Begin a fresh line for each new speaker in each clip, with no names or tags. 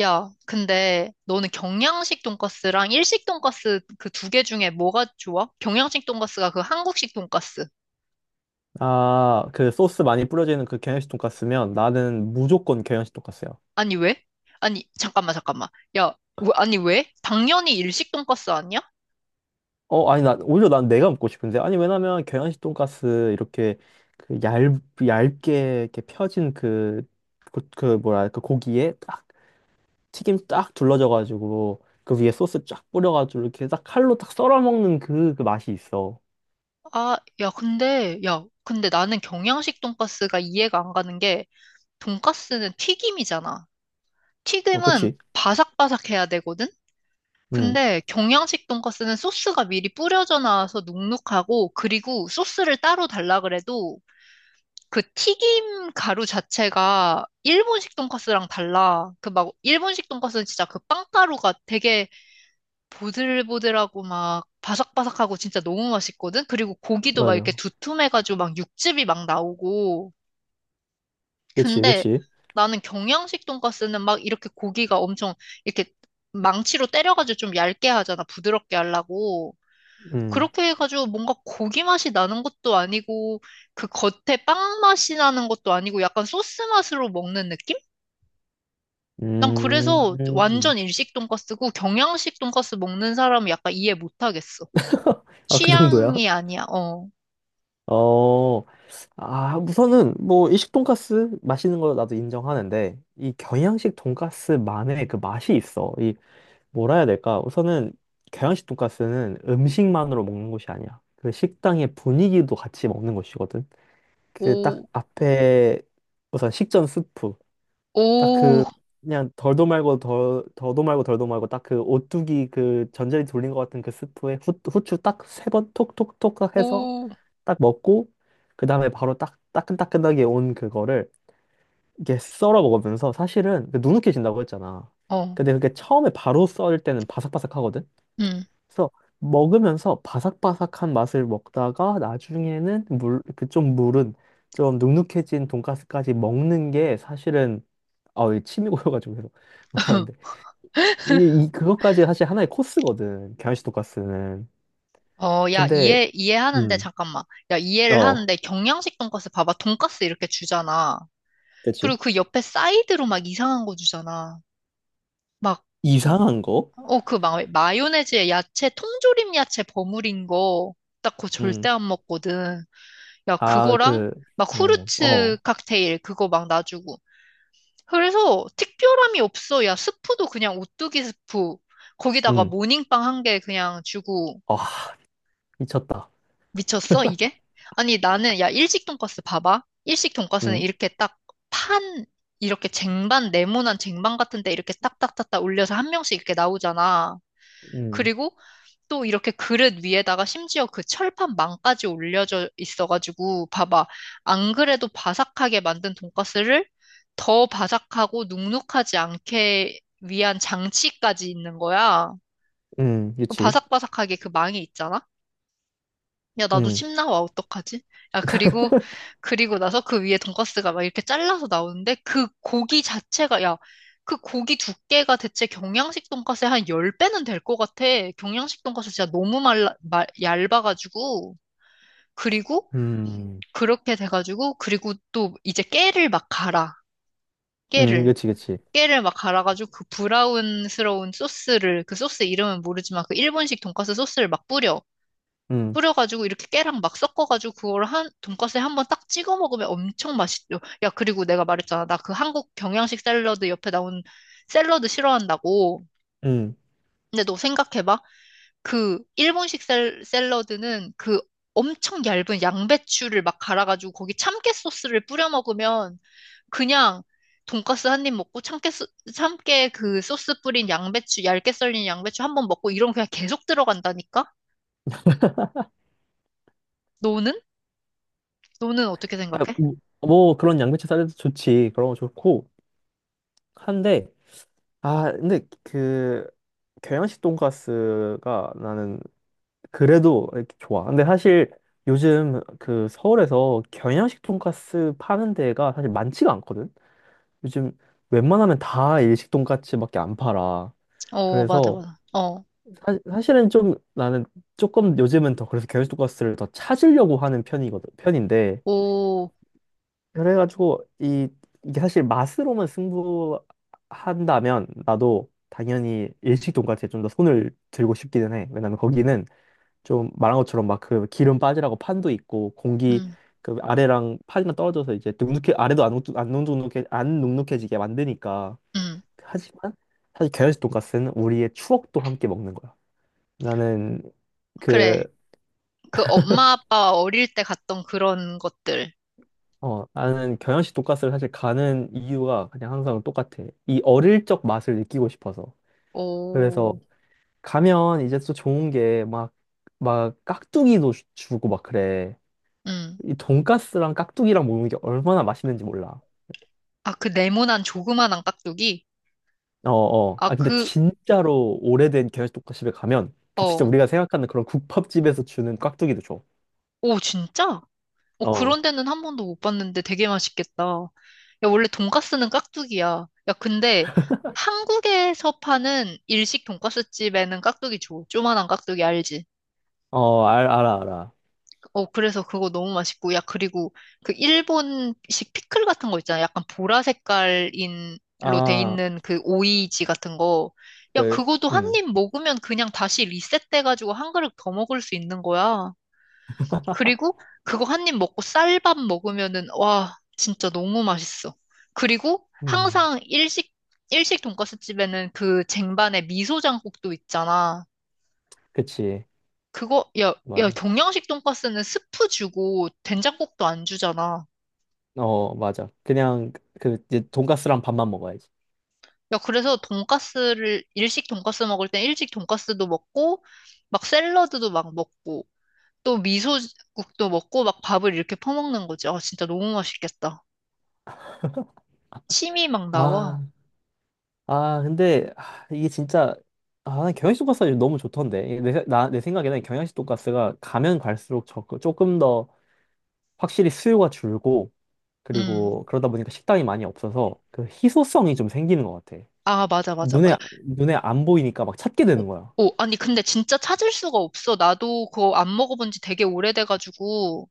야, 근데 너는 경양식 돈가스랑 일식 돈가스 그 두 개 중에 뭐가 좋아? 경양식 돈가스가 그 한국식 돈가스.
아, 그 소스 많이 뿌려지는 그 경양식 돈까스면 나는 무조건 경양식 돈까스야.
아니, 왜? 아니, 잠깐만. 야, 아니, 왜? 당연히 일식 돈가스 아니야?
어, 아니, 오히려 난 내가 먹고 싶은데. 아니, 왜냐면 경양식 돈까스 이렇게 그 얇, 얇게 이렇게 펴진 그 뭐라, 그 고기에 딱 튀김 딱 둘러져가지고 그 위에 소스 쫙 뿌려가지고 이렇게 딱 칼로 딱 썰어 먹는 그 맛이 있어.
아, 야, 근데, 야, 근데 나는 경양식 돈가스가 이해가 안 가는 게, 돈가스는 튀김이잖아.
어,
튀김은
그치?
바삭바삭해야 되거든?
응,
근데 경양식 돈가스는 소스가 미리 뿌려져 나와서 눅눅하고, 그리고 소스를 따로 달라 그래도, 그 튀김 가루 자체가 일본식 돈까스랑 달라. 그 막 일본식 돈까스는 진짜 그 빵가루가 되게 보들보들하고 막 바삭바삭하고 진짜 너무 맛있거든. 그리고 고기도 막 이렇게
맞아.
두툼해가지고 막 육즙이 막 나오고.
그치,
근데
그치.
나는 경양식 돈까스는 막 이렇게 고기가 엄청 이렇게 망치로 때려가지고 좀 얇게 하잖아. 부드럽게 하려고.
음,
그렇게 해가지고 뭔가 고기 맛이 나는 것도 아니고 그 겉에 빵 맛이 나는 것도 아니고 약간 소스 맛으로 먹는 느낌? 난 그래서
음.
완전 일식 돈까스고 경양식 돈까스 먹는 사람은 약간 이해 못 하겠어.
아, 그 정도야?
취향이 아니야. 어.
어, 아, 우선은 뭐 일식 돈가스 맛있는 거 나도 인정하는데 이 경양식 돈가스만의 그 맛이 있어. 이 뭐라 해야 될까? 우선은 경양식 돈가스는 음식만으로 먹는 것이 아니야. 그 식당의 분위기도 같이 먹는 것이거든. 그 딱
오,
앞에 우선 식전 스프 딱
오,
그, 그냥 덜도 말고 덜 더도 말고 덜도 말고 딱 그 오뚜기 그 전자레인지 돌린 것 같은 그 스프에 후추 딱 세 번 톡톡톡 해서
오.
딱 먹고 그 다음에 바로 딱 따끈따끈하게 온 그거를 이렇게 썰어 먹으면서 사실은 그 누눅해진다고 했잖아.
어.
근데 그게 처음에 바로 썰 때는 바삭바삭하거든.
음.
그래서 먹으면서 바삭바삭한 맛을 먹다가 나중에는 물, 그 좀 물은 좀 눅눅해진 돈가스까지 먹는 게 사실은 아우, 이게 침이 고여가지고 계속 말하는데 이게 이 그것까지 사실 하나의 코스거든. 경양식 돈가스는.
어, 야,
근데
이해하는데,
음.
잠깐만. 야, 이해를
어,
하는데, 경양식 돈까스 봐봐. 돈까스 이렇게 주잖아.
그치.
그리고 그 옆에 사이드로 막 이상한 거 주잖아. 막
이상한 거?
어, 그 마요네즈에 야채, 통조림 야채 버무린 거, 딱 그거 절대
음.
안 먹거든. 야,
아,
그거랑
그,
막
어,
후르츠
어,
칵테일, 그거 막 놔주고. 그래서 특별함이 없어. 야, 스프도 그냥 오뚜기 스프. 거기다가
음,
모닝빵 한 개 그냥 주고.
아, 미쳤다.
미쳤어, 이게? 아니, 나는, 야, 일식 돈가스 봐봐. 일식 돈가스는
음,
이렇게 딱 판, 이렇게 쟁반, 네모난 쟁반 같은데 이렇게 딱딱딱딱 올려서 한 명씩 이렇게 나오잖아.
음,
그리고 또 이렇게 그릇 위에다가 심지어 그 철판망까지 올려져 있어가지고 봐봐. 안 그래도 바삭하게 만든 돈가스를 더 바삭하고 눅눅하지 않게 위한 장치까지 있는 거야. 그
그치.
바삭바삭하게 그 망이 있잖아. 야, 나도
음,
침 나와, 어떡하지? 야, 그리고, 그리고 나서 그 위에 돈가스가 막 이렇게 잘라서 나오는데, 그 고기 자체가, 야, 그 고기 두께가 대체 경양식 돈가스의 한 10배는 될 것 같아. 경양식 돈가스 진짜 너무 얇아가지고. 그리고,
음,
그렇게 돼가지고, 그리고 또 이제 깨를 막 갈아. 깨를.
그치, 그치.
깨를 막 갈아가지고 그 브라운스러운 소스를, 그 소스 이름은 모르지만 그 일본식 돈가스 소스를 막 뿌려.
음,
뿌려가지고 이렇게 깨랑 막 섞어가지고 그걸 한 돈가스에 한 번 딱 찍어 먹으면 엄청 맛있죠. 야, 그리고 내가 말했잖아. 나 그 한국 경양식 샐러드 옆에 나온 샐러드 싫어한다고.
음.
근데 너 생각해봐. 그 일본식 샐러드는 그 엄청 얇은 양배추를 막 갈아가지고 거기 참깨 소스를 뿌려 먹으면 그냥 돈가스 한 입 먹고 참깨 그 소스 뿌린 양배추 얇게 썰린 양배추 한 번 먹고 이런 그냥 계속 들어간다니까? 너는? 너는 어떻게
아,
생각해?
뭐, 그런 양배추 샐러드 좋지. 그런 거 좋고. 한데, 아, 근데 그, 경양식 돈가스가 나는 그래도 이렇게 좋아. 근데 사실 요즘 그 서울에서 경양식 돈가스 파는 데가 사실 많지가 않거든? 요즘 웬만하면 다 일식 돈가스밖에 안 팔아.
어, 맞아,
그래서
맞아. 어,
실은좀 나는 조금 요즘은 더 그래서 게으르고가스를 더 찾으려고 하는 편이거든 편인데
오,
그래가지고 이 이게 사실 맛으로만 승부한다면 나도 당연히 일식 돈까스에 좀 더 손을 들고 싶기는 해. 왜냐면 거기는 좀 말한 것처럼 막 그 기름 빠지라고 판도 있고 공기,
음,
그 아래랑 판이랑 떨어져서 이제 눅눅해 아래도 안 눅눅해지게 만드니까.
음.
하지만 사실 게으르식 돈까스는 우리의 추억도 함께 먹는 거야. 나는 그,
그래. 그 엄마 아빠 어릴 때 갔던 그런 것들.
나는 경양식 돈가스를 사실 가는 이유가 그냥 항상 똑같아. 이 어릴 적 맛을 느끼고 싶어서. 그래서
오,
가면 이제 또 좋은 게 막, 막 깍두기도 주고 막 그래.
음.
이 돈가스랑 깍두기랑 먹는 게 얼마나 맛있는지 몰라.
아, 그 네모난 조그만한 깍두기?
어, 어.
아,
아, 근데
그,
진짜로 오래된 경양식 돈가스집에 가면 그 진짜
어.
우리가 생각하는 그런 국밥집에서 주는 깍두기도 줘.
오, 진짜? 어, 그런
어,
데는 한 번도 못 봤는데 되게 맛있겠다. 야, 원래 돈가스는 깍두기야. 야, 근데 한국에서 파는 일식 돈가스 집에는 깍두기 줘. 조그만한 깍두기 알지?
어, 알아, 알아.
어, 그래서 그거 너무 맛있고, 야, 그리고 그 일본식 피클 같은 거 있잖아. 약간 보라 색깔인로 돼
아,
있는 그 오이지 같은 거. 야,
그,
그거도 한
음.
입 먹으면 그냥 다시 리셋돼가지고 한 그릇 더 먹을 수 있는 거야. 그리고 그거 한 입 먹고 쌀밥 먹으면은, 와, 진짜 너무 맛있어. 그리고
음,
항상 일식 돈가스 집에는 그 쟁반에 미소장국도 있잖아.
그치.
그거, 야, 야,
맞아.
동양식 돈가스는 스프 주고 된장국도 안 주잖아.
어, 맞아. 그냥 그 이제 돈가스랑 밥만 먹어야지.
야, 그래서 돈가스를, 일식 돈가스 먹을 땐 일식 돈가스도 먹고, 막 샐러드도 막 먹고, 또 미소국도 먹고, 막 밥을 이렇게 퍼먹는 거지. 아, 진짜 너무 맛있겠다. 침이 막 나와.
아, 아, 근데 아, 이게 진짜 아, 난 경양식 돈가스가 요즘 너무 좋던데. 내 생각에는 경양식 돈가스가 가면 갈수록 조금 더 확실히 수요가 줄고
음.
그리고 그러다 보니까 식당이 많이 없어서 그 희소성이 좀 생기는 것 같아.
아, 맞아.
눈에 안 보이니까 막 찾게
오,
되는 거야.
오, 아니, 근데 진짜 찾을 수가 없어. 나도 그거 안 먹어본 지 되게 오래돼가지고,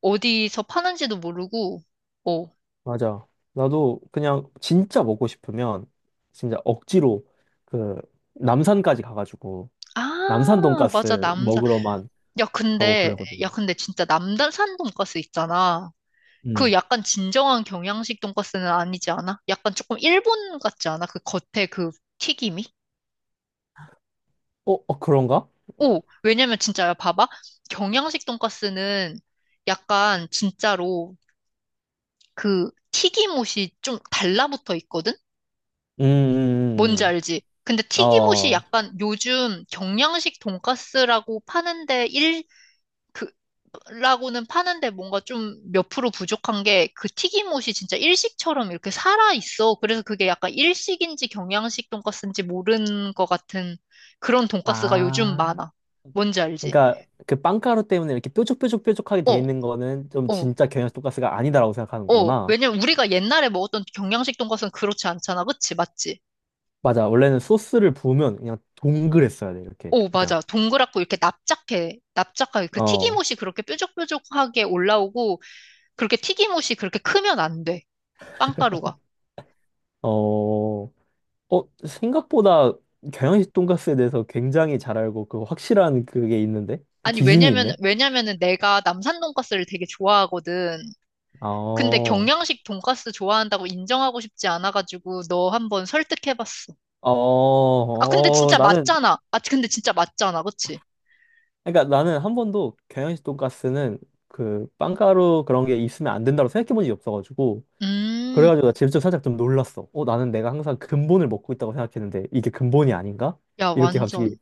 어디서 파는지도 모르고, 오.
맞아. 나도 그냥 진짜 먹고 싶으면 진짜 억지로 그 남산까지 가가지고 남산
아, 맞아,
돈가스
남산.
먹으러만
야,
가고 그러거든요.
야, 근데 진짜 남산 돈가스 있잖아. 그
음.
약간 진정한 경양식 돈가스는 아니지 않아? 약간 조금 일본 같지 않아? 그 겉에 그 튀김이?
어, 어, 그런가?
오, 왜냐면 진짜 야, 봐봐. 경양식 돈가스는 약간 진짜로 그 튀김옷이 좀 달라붙어 있거든?
음,
뭔지
음, 음.
알지? 근데
음.
튀김옷이
어.
약간 요즘 경양식 돈가스라고 파는데 그 라고는 파는데 뭔가 좀 몇 프로 부족한 게 그 튀김옷이 진짜 일식처럼 이렇게 살아 있어. 그래서 그게 약간 일식인지 경양식 돈가스인지 모르는 것 같은 그런 돈가스가 요즘
아.
많아. 뭔지 알지?
그러니까 그 빵가루 때문에 이렇게 뾰족뾰족뾰족하게 돼
어,
있는 거는 좀
어,
진짜 경양 돈가스가 아니다라고 생각하는
어.
거구나.
왜냐면 우리가 옛날에 먹었던 경양식 돈가스는 그렇지 않잖아. 그치? 맞지?
맞아. 원래는 소스를 부으면 그냥 동그랬어야 돼. 이렇게.
오,
그냥.
맞아. 동그랗고 이렇게 납작해. 납작하게. 그
어.
튀김옷이 그렇게 뾰족뾰족하게 올라오고 그렇게 튀김옷이 그렇게 크면 안 돼. 빵가루가.
어. 어, 생각보다 경양식 돈가스에 대해서 굉장히 잘 알고 그 확실한 그게 있는데?
아니,
기준이 있네.
왜냐면은 내가 남산 돈가스를 되게 좋아하거든. 근데
어,
경양식 돈가스 좋아한다고 인정하고 싶지 않아가지고 너 한번 설득해봤어.
어,
아,
어, 나는
근데 진짜 맞잖아. 그치?
그러니까 나는 한 번도 경양식 돈가스는 그 빵가루 그런 게 있으면 안 된다고 생각해 본 적이 없어가지고
음,
그래가지고 나 직접 살짝 좀 놀랐어. 어, 나는 내가 항상 근본을 먹고 있다고 생각했는데 이게 근본이 아닌가?
야,
이렇게 갑자기
완전.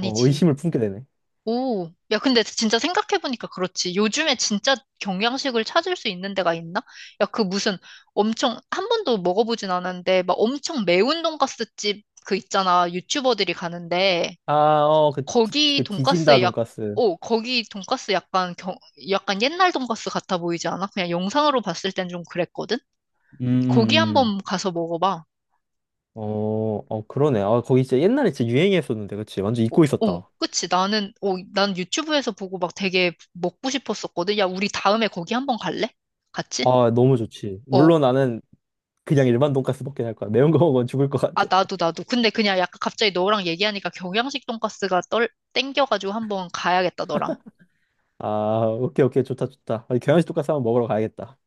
어, 의심을 품게 되네.
오, 야, 근데 진짜 생각해보니까 그렇지. 요즘에 진짜 경양식을 찾을 수 있는 데가 있나? 야, 그 무슨 엄청, 한 번도 먹어보진 않았는데, 막 엄청 매운 돈가스 집 그 있잖아. 유튜버들이 가는데.
아, 어, 그,
거기
그 디진다
돈가스 약,
돈가스.
거기 돈가스 약간 경, 약간 옛날 돈가스 같아 보이지 않아? 그냥 영상으로 봤을 땐 좀 그랬거든?
음,
거기
음, 음.
한번 가서 먹어봐.
어, 어, 그러네. 아, 거기 진짜 옛날에 진짜 유행했었는데, 그치? 완전
오,
잊고
오,
있었다.
그치. 난 유튜브에서 보고 막 되게 먹고 싶었었거든. 야, 우리 다음에 거기 한번 갈래? 같이?
아, 너무 좋지.
어.
물론 나는 그냥 일반 돈가스 먹긴 할 거야. 매운 거 먹으면 죽을 것
아,
같아.
나도. 근데 그냥 약간 갑자기 너랑 얘기하니까 경양식 돈가스가 땡겨가지고 한번 가야겠다, 너랑.
아, 오케이, 오케이. 좋다, 좋다. 아니, 경양식 돈까스 한번 먹으러 가야겠다.